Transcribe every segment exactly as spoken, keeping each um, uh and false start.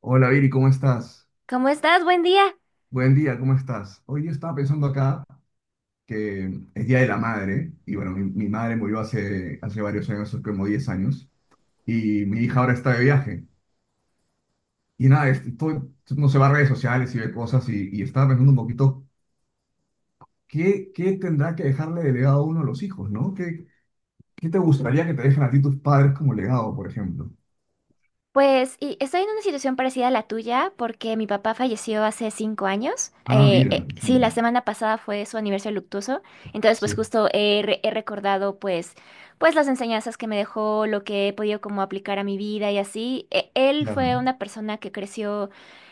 Hola Viri, ¿cómo estás? ¿Cómo estás? Buen día. Buen día, ¿cómo estás? Hoy día estaba pensando acá que es Día de la Madre y bueno, mi, mi madre murió hace, hace varios años, hace como diez años, y mi hija ahora está de viaje. Y nada, es- estoy- no se va a redes sociales y ve cosas y, y estaba pensando un poquito qué, qué tendrá que dejarle de legado a uno de los hijos, ¿no? ¿Qué, qué te gustaría que te dejen a ti tus padres como legado, por ejemplo? Pues y estoy en una situación parecida a la tuya porque mi papá falleció hace cinco años. Ah, Eh, eh, mira, sí, sí, la no. semana pasada fue su aniversario luctuoso. Entonces, pues Sí, justo he, re- he recordado pues, pues las enseñanzas que me dejó, lo que he podido como aplicar a mi vida y así. Eh, él claro. fue una persona que creció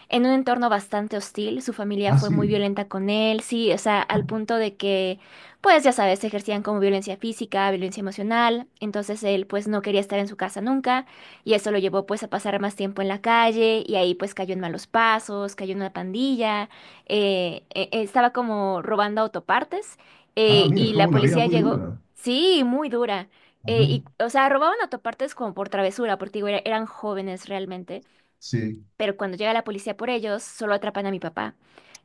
en un entorno bastante hostil. Su familia Ah, fue muy sí. violenta con él, sí, o sea, al punto de que, pues ya sabes, ejercían como violencia física, violencia emocional. Entonces él pues no quería estar en su casa nunca. Y eso lo llevó pues a pasar más tiempo en la calle y ahí pues cayó en malos pasos, cayó en una pandilla, eh, eh, eh, estaba como robando autopartes, Ah, eh, mira, y tuvo la una vida policía muy llegó, dura. sí, muy dura. eh, Ajá, Y, o sea, robaban autopartes como por travesura, porque digo, era- eran jóvenes realmente, sí. pero cuando llega la policía por ellos, solo atrapan a mi papá.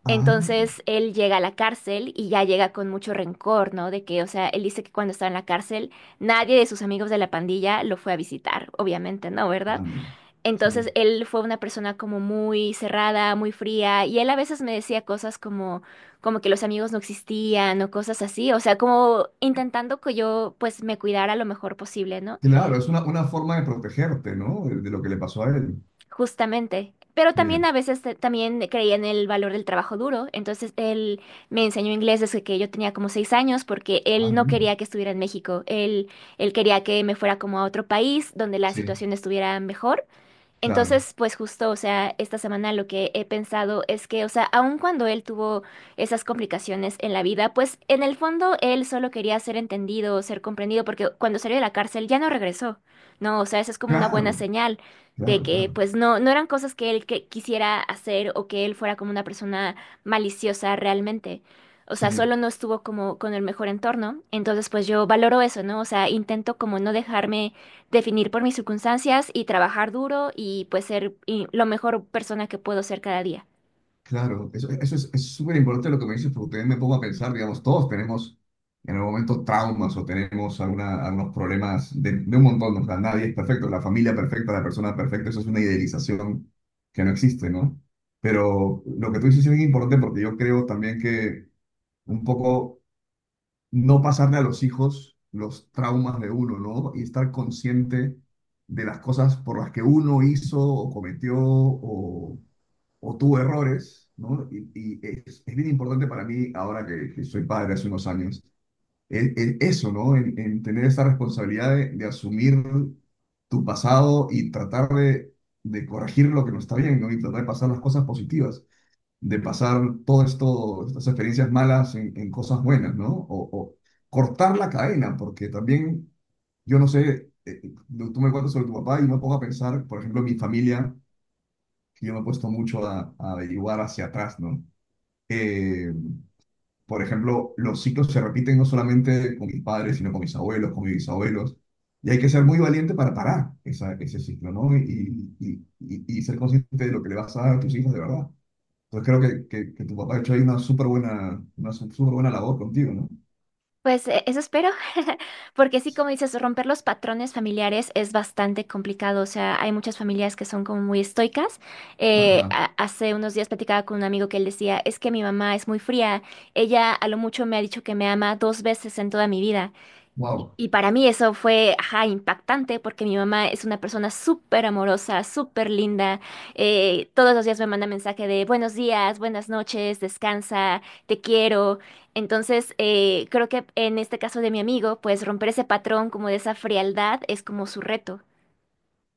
Ah, Entonces él llega a la cárcel y ya llega con mucho rencor, ¿no? De que, o sea, él dice que cuando estaba en la cárcel, nadie de sus amigos de la pandilla lo fue a visitar, obviamente, ¿no? ah, ¿Verdad? no. Sí. Entonces él fue una persona como muy cerrada, muy fría, y él a veces me decía cosas como, como que los amigos no existían o cosas así, o sea, como intentando que yo pues me cuidara lo mejor posible, ¿no? Claro, es una, una forma de protegerte, ¿no? De, de lo que le pasó a él. Justamente. Pero Mira. también a veces te- también creía en el valor del trabajo duro, entonces él me enseñó inglés desde que yo tenía como seis años porque Ah, él no mira. quería que estuviera en México, él, él quería que me fuera como a otro país donde la Sí, situación estuviera mejor. claro. Entonces, pues justo, o sea, esta semana lo que he pensado es que, o sea, aun cuando él tuvo esas complicaciones en la vida, pues en el fondo él solo quería ser entendido, ser comprendido, porque cuando salió de la cárcel ya no regresó, ¿no? O sea, esa es como una Claro, buena señal de claro, que, claro. pues no, no eran cosas que él que- quisiera hacer o que él fuera como una persona maliciosa realmente. O sea, Sí, solo no estuvo como con el mejor entorno. Entonces, pues yo valoro eso, ¿no? O sea, intento como no dejarme definir por mis circunstancias y trabajar duro y pues ser y, lo mejor persona que puedo ser cada día. claro. Eso, eso es, es súper importante lo que me dices, porque también me pongo a pensar, digamos, todos tenemos en algún momento traumas o tenemos alguna, algunos problemas de, de un montón, ¿no? O sea, nadie es perfecto, la familia perfecta, la persona perfecta, eso es una idealización que no existe, ¿no? Pero lo que tú dices es bien importante porque yo creo también que un poco no pasarle a los hijos los traumas de uno, ¿no? Y estar consciente de las cosas por las que uno hizo o cometió o, o tuvo errores, ¿no? Y, y es, es bien importante para mí, ahora que, que soy padre hace unos años, el- el- eso, ¿no? En, en tener esa responsabilidad de, de asumir tu pasado y tratar de, de corregir lo que no está bien, ¿no? Y tratar de pasar las cosas positivas de pasar todas estas experiencias malas en, en cosas buenas, ¿no? O, o cortar la cadena, porque también, yo no sé, eh, eh, tú me cuentas sobre tu papá y me pongo a pensar, por ejemplo, en mi familia, que yo me he puesto mucho a, a averiguar hacia atrás, ¿no? Eh, por ejemplo, los ciclos se repiten no solamente con mis padres, sino con mis abuelos, con mis bisabuelos. Y hay que ser muy valiente para parar esa- ese ciclo, ¿no? y, y, y y ser consciente de lo que le vas a dar a tus hijos de verdad. Entonces creo que, que, que tu papá ha hecho ahí una súper buena, una su- súper buena labor contigo, ¿no? Pues eh, eso espero, porque sí, como dices, romper los patrones familiares es bastante complicado. O sea, hay muchas familias que son como muy estoicas. Eh, Ajá, ha- Hace unos días platicaba con un amigo que él decía, es que mi mamá es muy fría. Ella a lo mucho me ha dicho que me ama dos veces en toda mi vida. Y wow, y para mí eso fue, ajá, impactante porque mi mamá es una persona súper amorosa, súper linda. eh, todos los días me manda mensaje de buenos días, buenas noches, descansa, te quiero. Entonces, eh, creo que en este caso de mi amigo, pues romper ese patrón como de esa frialdad es como su reto.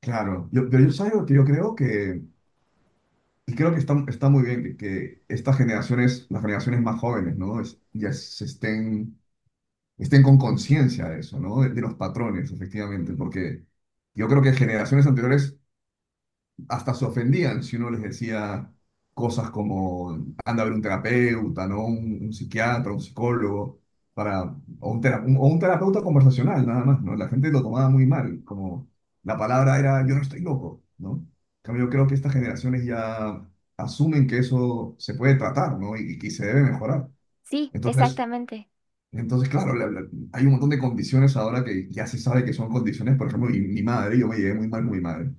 claro. Yo, pero yo sabes algo que yo creo que, y creo que está, está muy bien que, que estas generaciones, las generaciones más jóvenes, ¿no? Es- ya se estén, estén con conciencia de eso, ¿no? De, de los patrones, efectivamente, porque yo creo que generaciones anteriores hasta se ofendían si uno les decía cosas como anda a ver un terapeuta, ¿no? Un, un psiquiatra, un psicólogo, para, o, un tera- un- o un terapeuta conversacional, nada más, ¿no? La gente lo tomaba muy mal, como la palabra era yo no estoy loco, ¿no? En cambio, yo creo que estas generaciones ya asumen que eso se puede tratar, ¿no? Y, y que se debe mejorar. Sí, Entonces, exactamente. entonces claro, la- la- hay un montón de condiciones ahora que ya se sabe que son condiciones, por ejemplo, mi, mi madre, yo me llevé muy mal con mi madre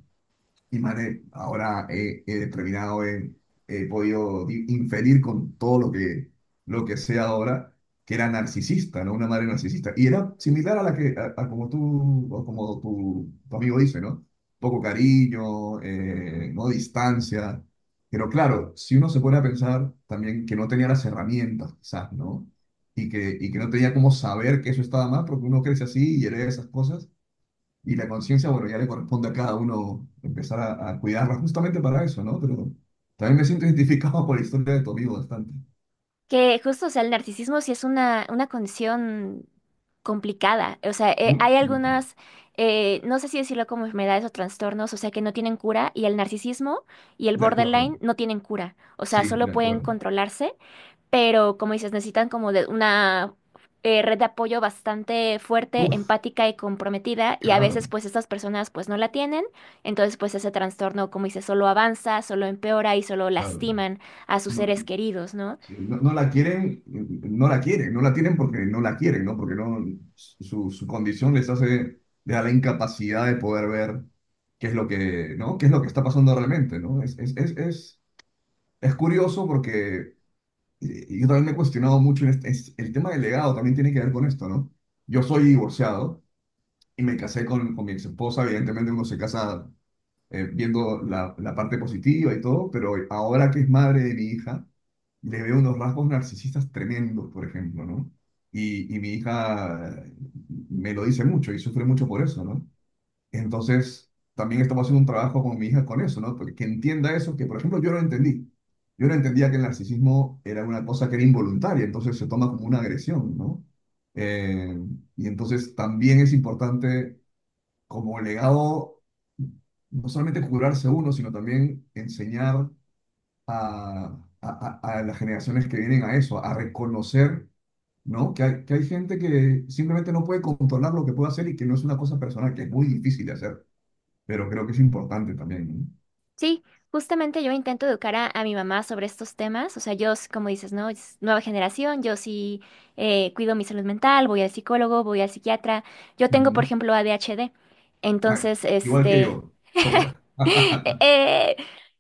y madre, ahora he, he determinado, he, he podido di- inferir con todo lo que, lo que sé ahora, que era narcisista, ¿no? Una madre narcisista. Y era similar a la que, a, a como tú, o como tu, tu amigo dice, ¿no? Poco cariño, eh, no distancia. Pero claro, si uno se pone a pensar también que no tenía las herramientas, quizás, ¿no? Y que, y que no tenía cómo saber que eso estaba mal, porque uno crece así y hereda esas cosas y la conciencia, bueno, ya le corresponde a cada uno empezar a, a cuidarla justamente para eso, ¿no? Pero también me siento identificado por la historia de tu amigo bastante. Que justo, o sea, el narcisismo sí es una, una condición complicada. O sea, eh, Uf, hay uf, algunas, eh, no sé si decirlo como enfermedades o trastornos, o sea, que no tienen cura y el narcisismo y el de acuerdo, borderline no tienen cura. O sea, sí, solo de pueden acuerdo. controlarse, pero como dices, necesitan como de una eh, red de apoyo bastante fuerte, Uf, empática y comprometida y a claro, veces pues estas personas pues no la tienen. Entonces pues ese trastorno, como dices, solo avanza, solo empeora y solo claro. lastiman a sus No, seres queridos, ¿no? sí, no, no la quieren, no la quieren, no la tienen porque no la quieren, ¿no? Porque no, su, su condición les hace, les da la incapacidad de poder ver qué es lo que, ¿no? qué es lo que está pasando realmente, ¿no? Es, es, es, es, es curioso porque Y yo también me he cuestionado mucho en este- es- el tema del legado también tiene que ver con esto, ¿no? Yo soy divorciado y me casé con, con mi ex esposa, evidentemente uno se casa eh, viendo la, la parte positiva y todo, pero ahora que es madre de mi hija, le veo unos rasgos narcisistas tremendos, por ejemplo, ¿no? Y, y mi hija eh, me lo dice mucho y sufre mucho por eso, ¿no? Entonces, también estamos haciendo un trabajo con mi hija con eso, ¿no? Porque que entienda eso, que por ejemplo yo no entendí. Yo no entendía que el narcisismo era una cosa que era involuntaria, entonces se toma como una agresión, ¿no? Eh, y entonces también es importante como legado no solamente curarse uno, sino también enseñar a, a- a- a las generaciones que vienen a eso, a reconocer, ¿no? Que hay, que hay gente que simplemente no puede controlar lo que puede hacer y que no es una cosa personal, que es muy difícil de hacer pero creo que es importante también. Sí, justamente yo intento educar a, a mi mamá sobre estos temas, o sea, yo, s- como dices, ¿no? Es nueva generación, yo sí eh, cuido mi salud mental, voy al psicólogo, voy al psiquiatra, yo ¿No? tengo, Ujú, por ¿no? ejemplo, A D H D, Ah, entonces, igual que este, yo, chócala. Eh,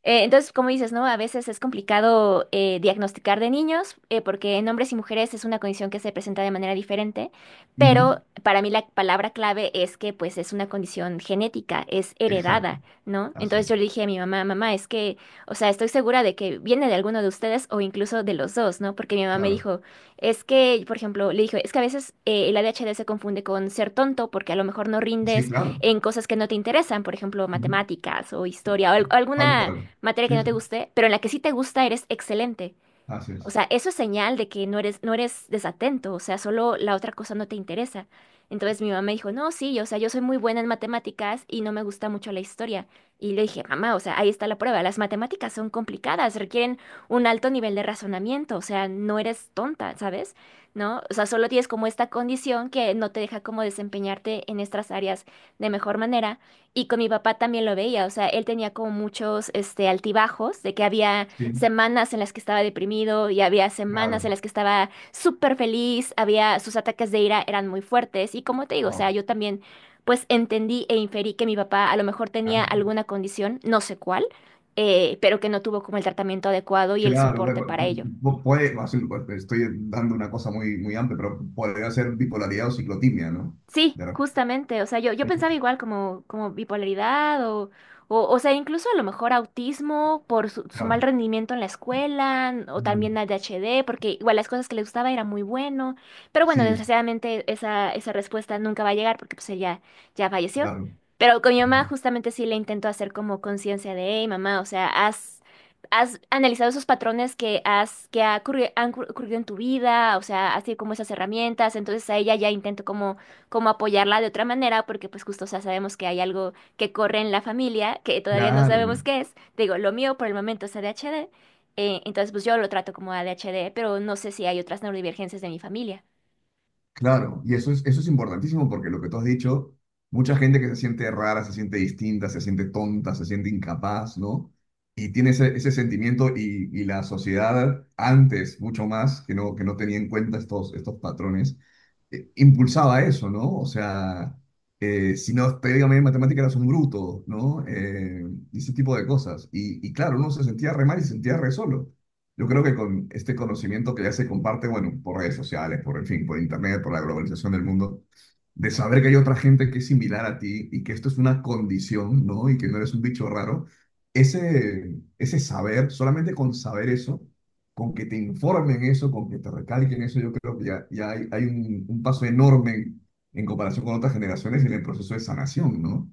eh, entonces, como dices, ¿no? A veces es complicado eh, diagnosticar de niños, eh, porque en hombres y mujeres es una condición que se presenta de manera diferente, Ujú. pero para mí la palabra clave es que pues es una condición genética, es Exacto, heredada, ¿no? así Entonces es, yo le dije a mi mamá, mamá, es que, o sea, estoy segura de que viene de alguno de ustedes o incluso de los dos, ¿no? Porque mi mamá me claro. dijo, es que, por ejemplo, le dijo, es que a veces eh, el A D H D se confunde con ser tonto porque a lo mejor no Sí, rindes claro, en cosas que no te interesan, por ejemplo, ujú, matemáticas o historia o al- tal alguna cual. materia que Sí, no sí, te guste, pero en la que sí te gusta eres excelente. así O es. sea, eso es señal de que no eres, no eres desatento, o sea, solo la otra cosa no te interesa. Entonces mi mamá me dijo, no, sí, o sea, yo soy muy buena en matemáticas y no me gusta mucho la historia. Y le dije, mamá, o sea, ahí está la prueba, las matemáticas son complicadas, requieren un alto nivel de razonamiento, o sea, no eres tonta, ¿sabes? ¿No? O sea, solo tienes como esta condición que no te deja como desempeñarte en estas áreas de mejor manera. Y con mi papá también lo veía, o sea, él tenía como muchos, este, altibajos de que había Sí, semanas en las que estaba deprimido y había semanas claro, en las que estaba súper feliz, había sus ataques de ira eran muy fuertes y como te digo, o wow. sea, yo también pues entendí e inferí que mi papá a lo mejor tenía Claro, alguna condición, no sé cuál, eh, pero que no tuvo como el tratamiento adecuado y el claro, ve- soporte para ello. pu- puede, así, pues, estoy dando una cosa muy, muy amplia, pero podría ser bipolaridad o ciclotimia, ¿no? Sí, De justamente, o sea, yo, yo pensaba repente, igual como, como bipolaridad o, o, o sea, incluso a lo mejor autismo por su, su mal claro. rendimiento en la escuela n- o Ujú, también A D H D, porque igual las cosas que le gustaba era muy bueno, pero bueno, sí, desgraciadamente esa, esa respuesta nunca va a llegar porque pues ella ya falleció, claro. pero con mi mamá Ujú, justamente sí le intento hacer como conciencia de, hey, mamá, o sea, has ¿Has analizado esos patrones que has que ha ocurri- han ocurrido en tu vida? O sea, así como esas herramientas. Entonces a ella ya intento como como apoyarla de otra manera, porque pues justo, o sea, sabemos que hay algo que corre en la familia, que todavía no claro. sabemos qué es. Te digo, lo mío por el momento es A D H D, eh, entonces pues yo lo trato como A D H D, pero no sé si hay otras neurodivergencias de mi familia. Claro, y eso es, eso es importantísimo porque lo que tú has dicho, mucha gente que se siente rara, se siente distinta, se siente tonta, se siente incapaz, ¿no? Y tiene ese, ese sentimiento y, y la sociedad antes, mucho más, que no, que no tenía en cuenta estos, estos patrones, eh, impulsaba eso, ¿no? O sea, eh, si no, técnicamente en matemática eras un bruto, ¿no? Eh, y ese tipo de cosas. Y, y claro, uno se sentía re mal y se sentía re solo. Yo creo que con este conocimiento que ya se comparte, bueno, por redes sociales, por, en fin, por internet, por la globalización del mundo, de saber que hay otra gente que es similar a ti y que esto es una condición, ¿no? Y que no eres un bicho raro, ese, ese saber, solamente con saber eso, con que te informen eso, con que te recalquen eso, yo creo que ya, ya hay, hay un, un paso enorme en, en comparación con otras generaciones en el proceso de sanación, ¿no?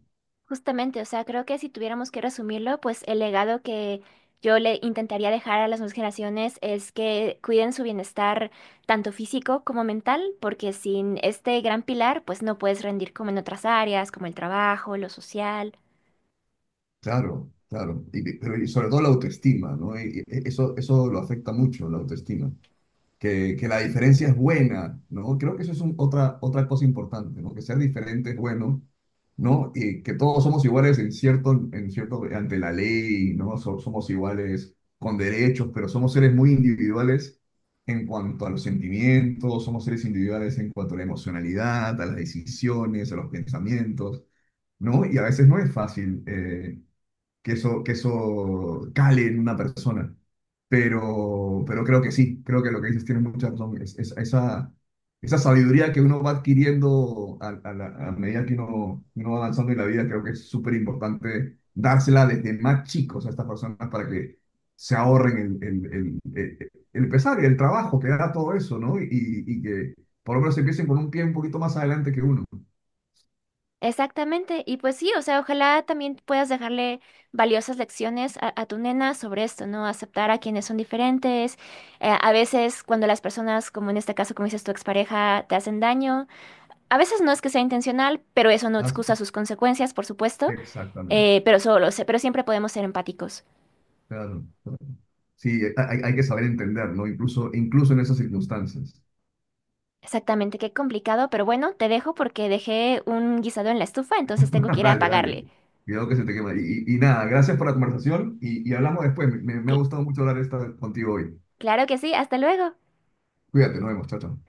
Justamente, o sea, creo que si tuviéramos que resumirlo, pues el legado que yo le intentaría dejar a las nuevas generaciones es que cuiden su bienestar tanto físico como mental, porque sin este gran pilar, pues no puedes rendir como en otras áreas, como el trabajo, lo social. Claro, claro. Y, pero, y sobre todo la autoestima, ¿no? Y- y eso, eso lo afecta mucho, la autoestima. que, que la diferencia es buena, ¿no? Creo que eso es un- otra, otra cosa importante, ¿no? Que ser diferente es bueno, ¿no? Y que todos somos iguales en cierto, en cierto, ante la ley, ¿no? So- somos iguales con derechos, pero somos seres muy individuales en cuanto a los sentimientos, somos seres individuales en cuanto a la emocionalidad, a las decisiones, a los pensamientos, ¿no? Y a veces no es fácil. Eh, que eso, que eso cale en una persona. Pero, pero creo que sí, creo que lo que dices tiene mucha razón. Es, es- esa, esa sabiduría que uno va adquiriendo a, a la- a medida que uno, uno va avanzando en la vida, creo que es súper importante dársela desde más chicos a estas personas para que se ahorren el, el, el, el- el pesar y el trabajo que da todo eso, ¿no? Y, y que por lo menos empiecen con un pie un poquito más adelante que uno. Exactamente, y pues sí, o sea, ojalá también puedas dejarle valiosas lecciones a, a tu nena sobre esto, ¿no? Aceptar a quienes son diferentes. Eh, a veces cuando las personas, como en este caso, como dices, tu expareja, te hacen daño, a veces no es que sea intencional, pero eso no Así. excusa sus consecuencias, por supuesto, Exactamente. eh, pero solo, se- pero siempre podemos ser empáticos. Claro, claro. Sí, eh, hay, hay que saber entender, ¿no? Incluso, incluso en esas circunstancias. Exactamente, qué complicado, pero bueno, te dejo porque dejé un guisado en la estufa, entonces tengo que ir a Dale, dale. apagarle. Cuidado que se te quema. Y, y- y nada, gracias por la conversación y, y hablamos después. Me, me ha Cl- gustado mucho hablar esta contigo hoy. claro que sí, hasta luego. Cuídate, nos vemos, chao, chao.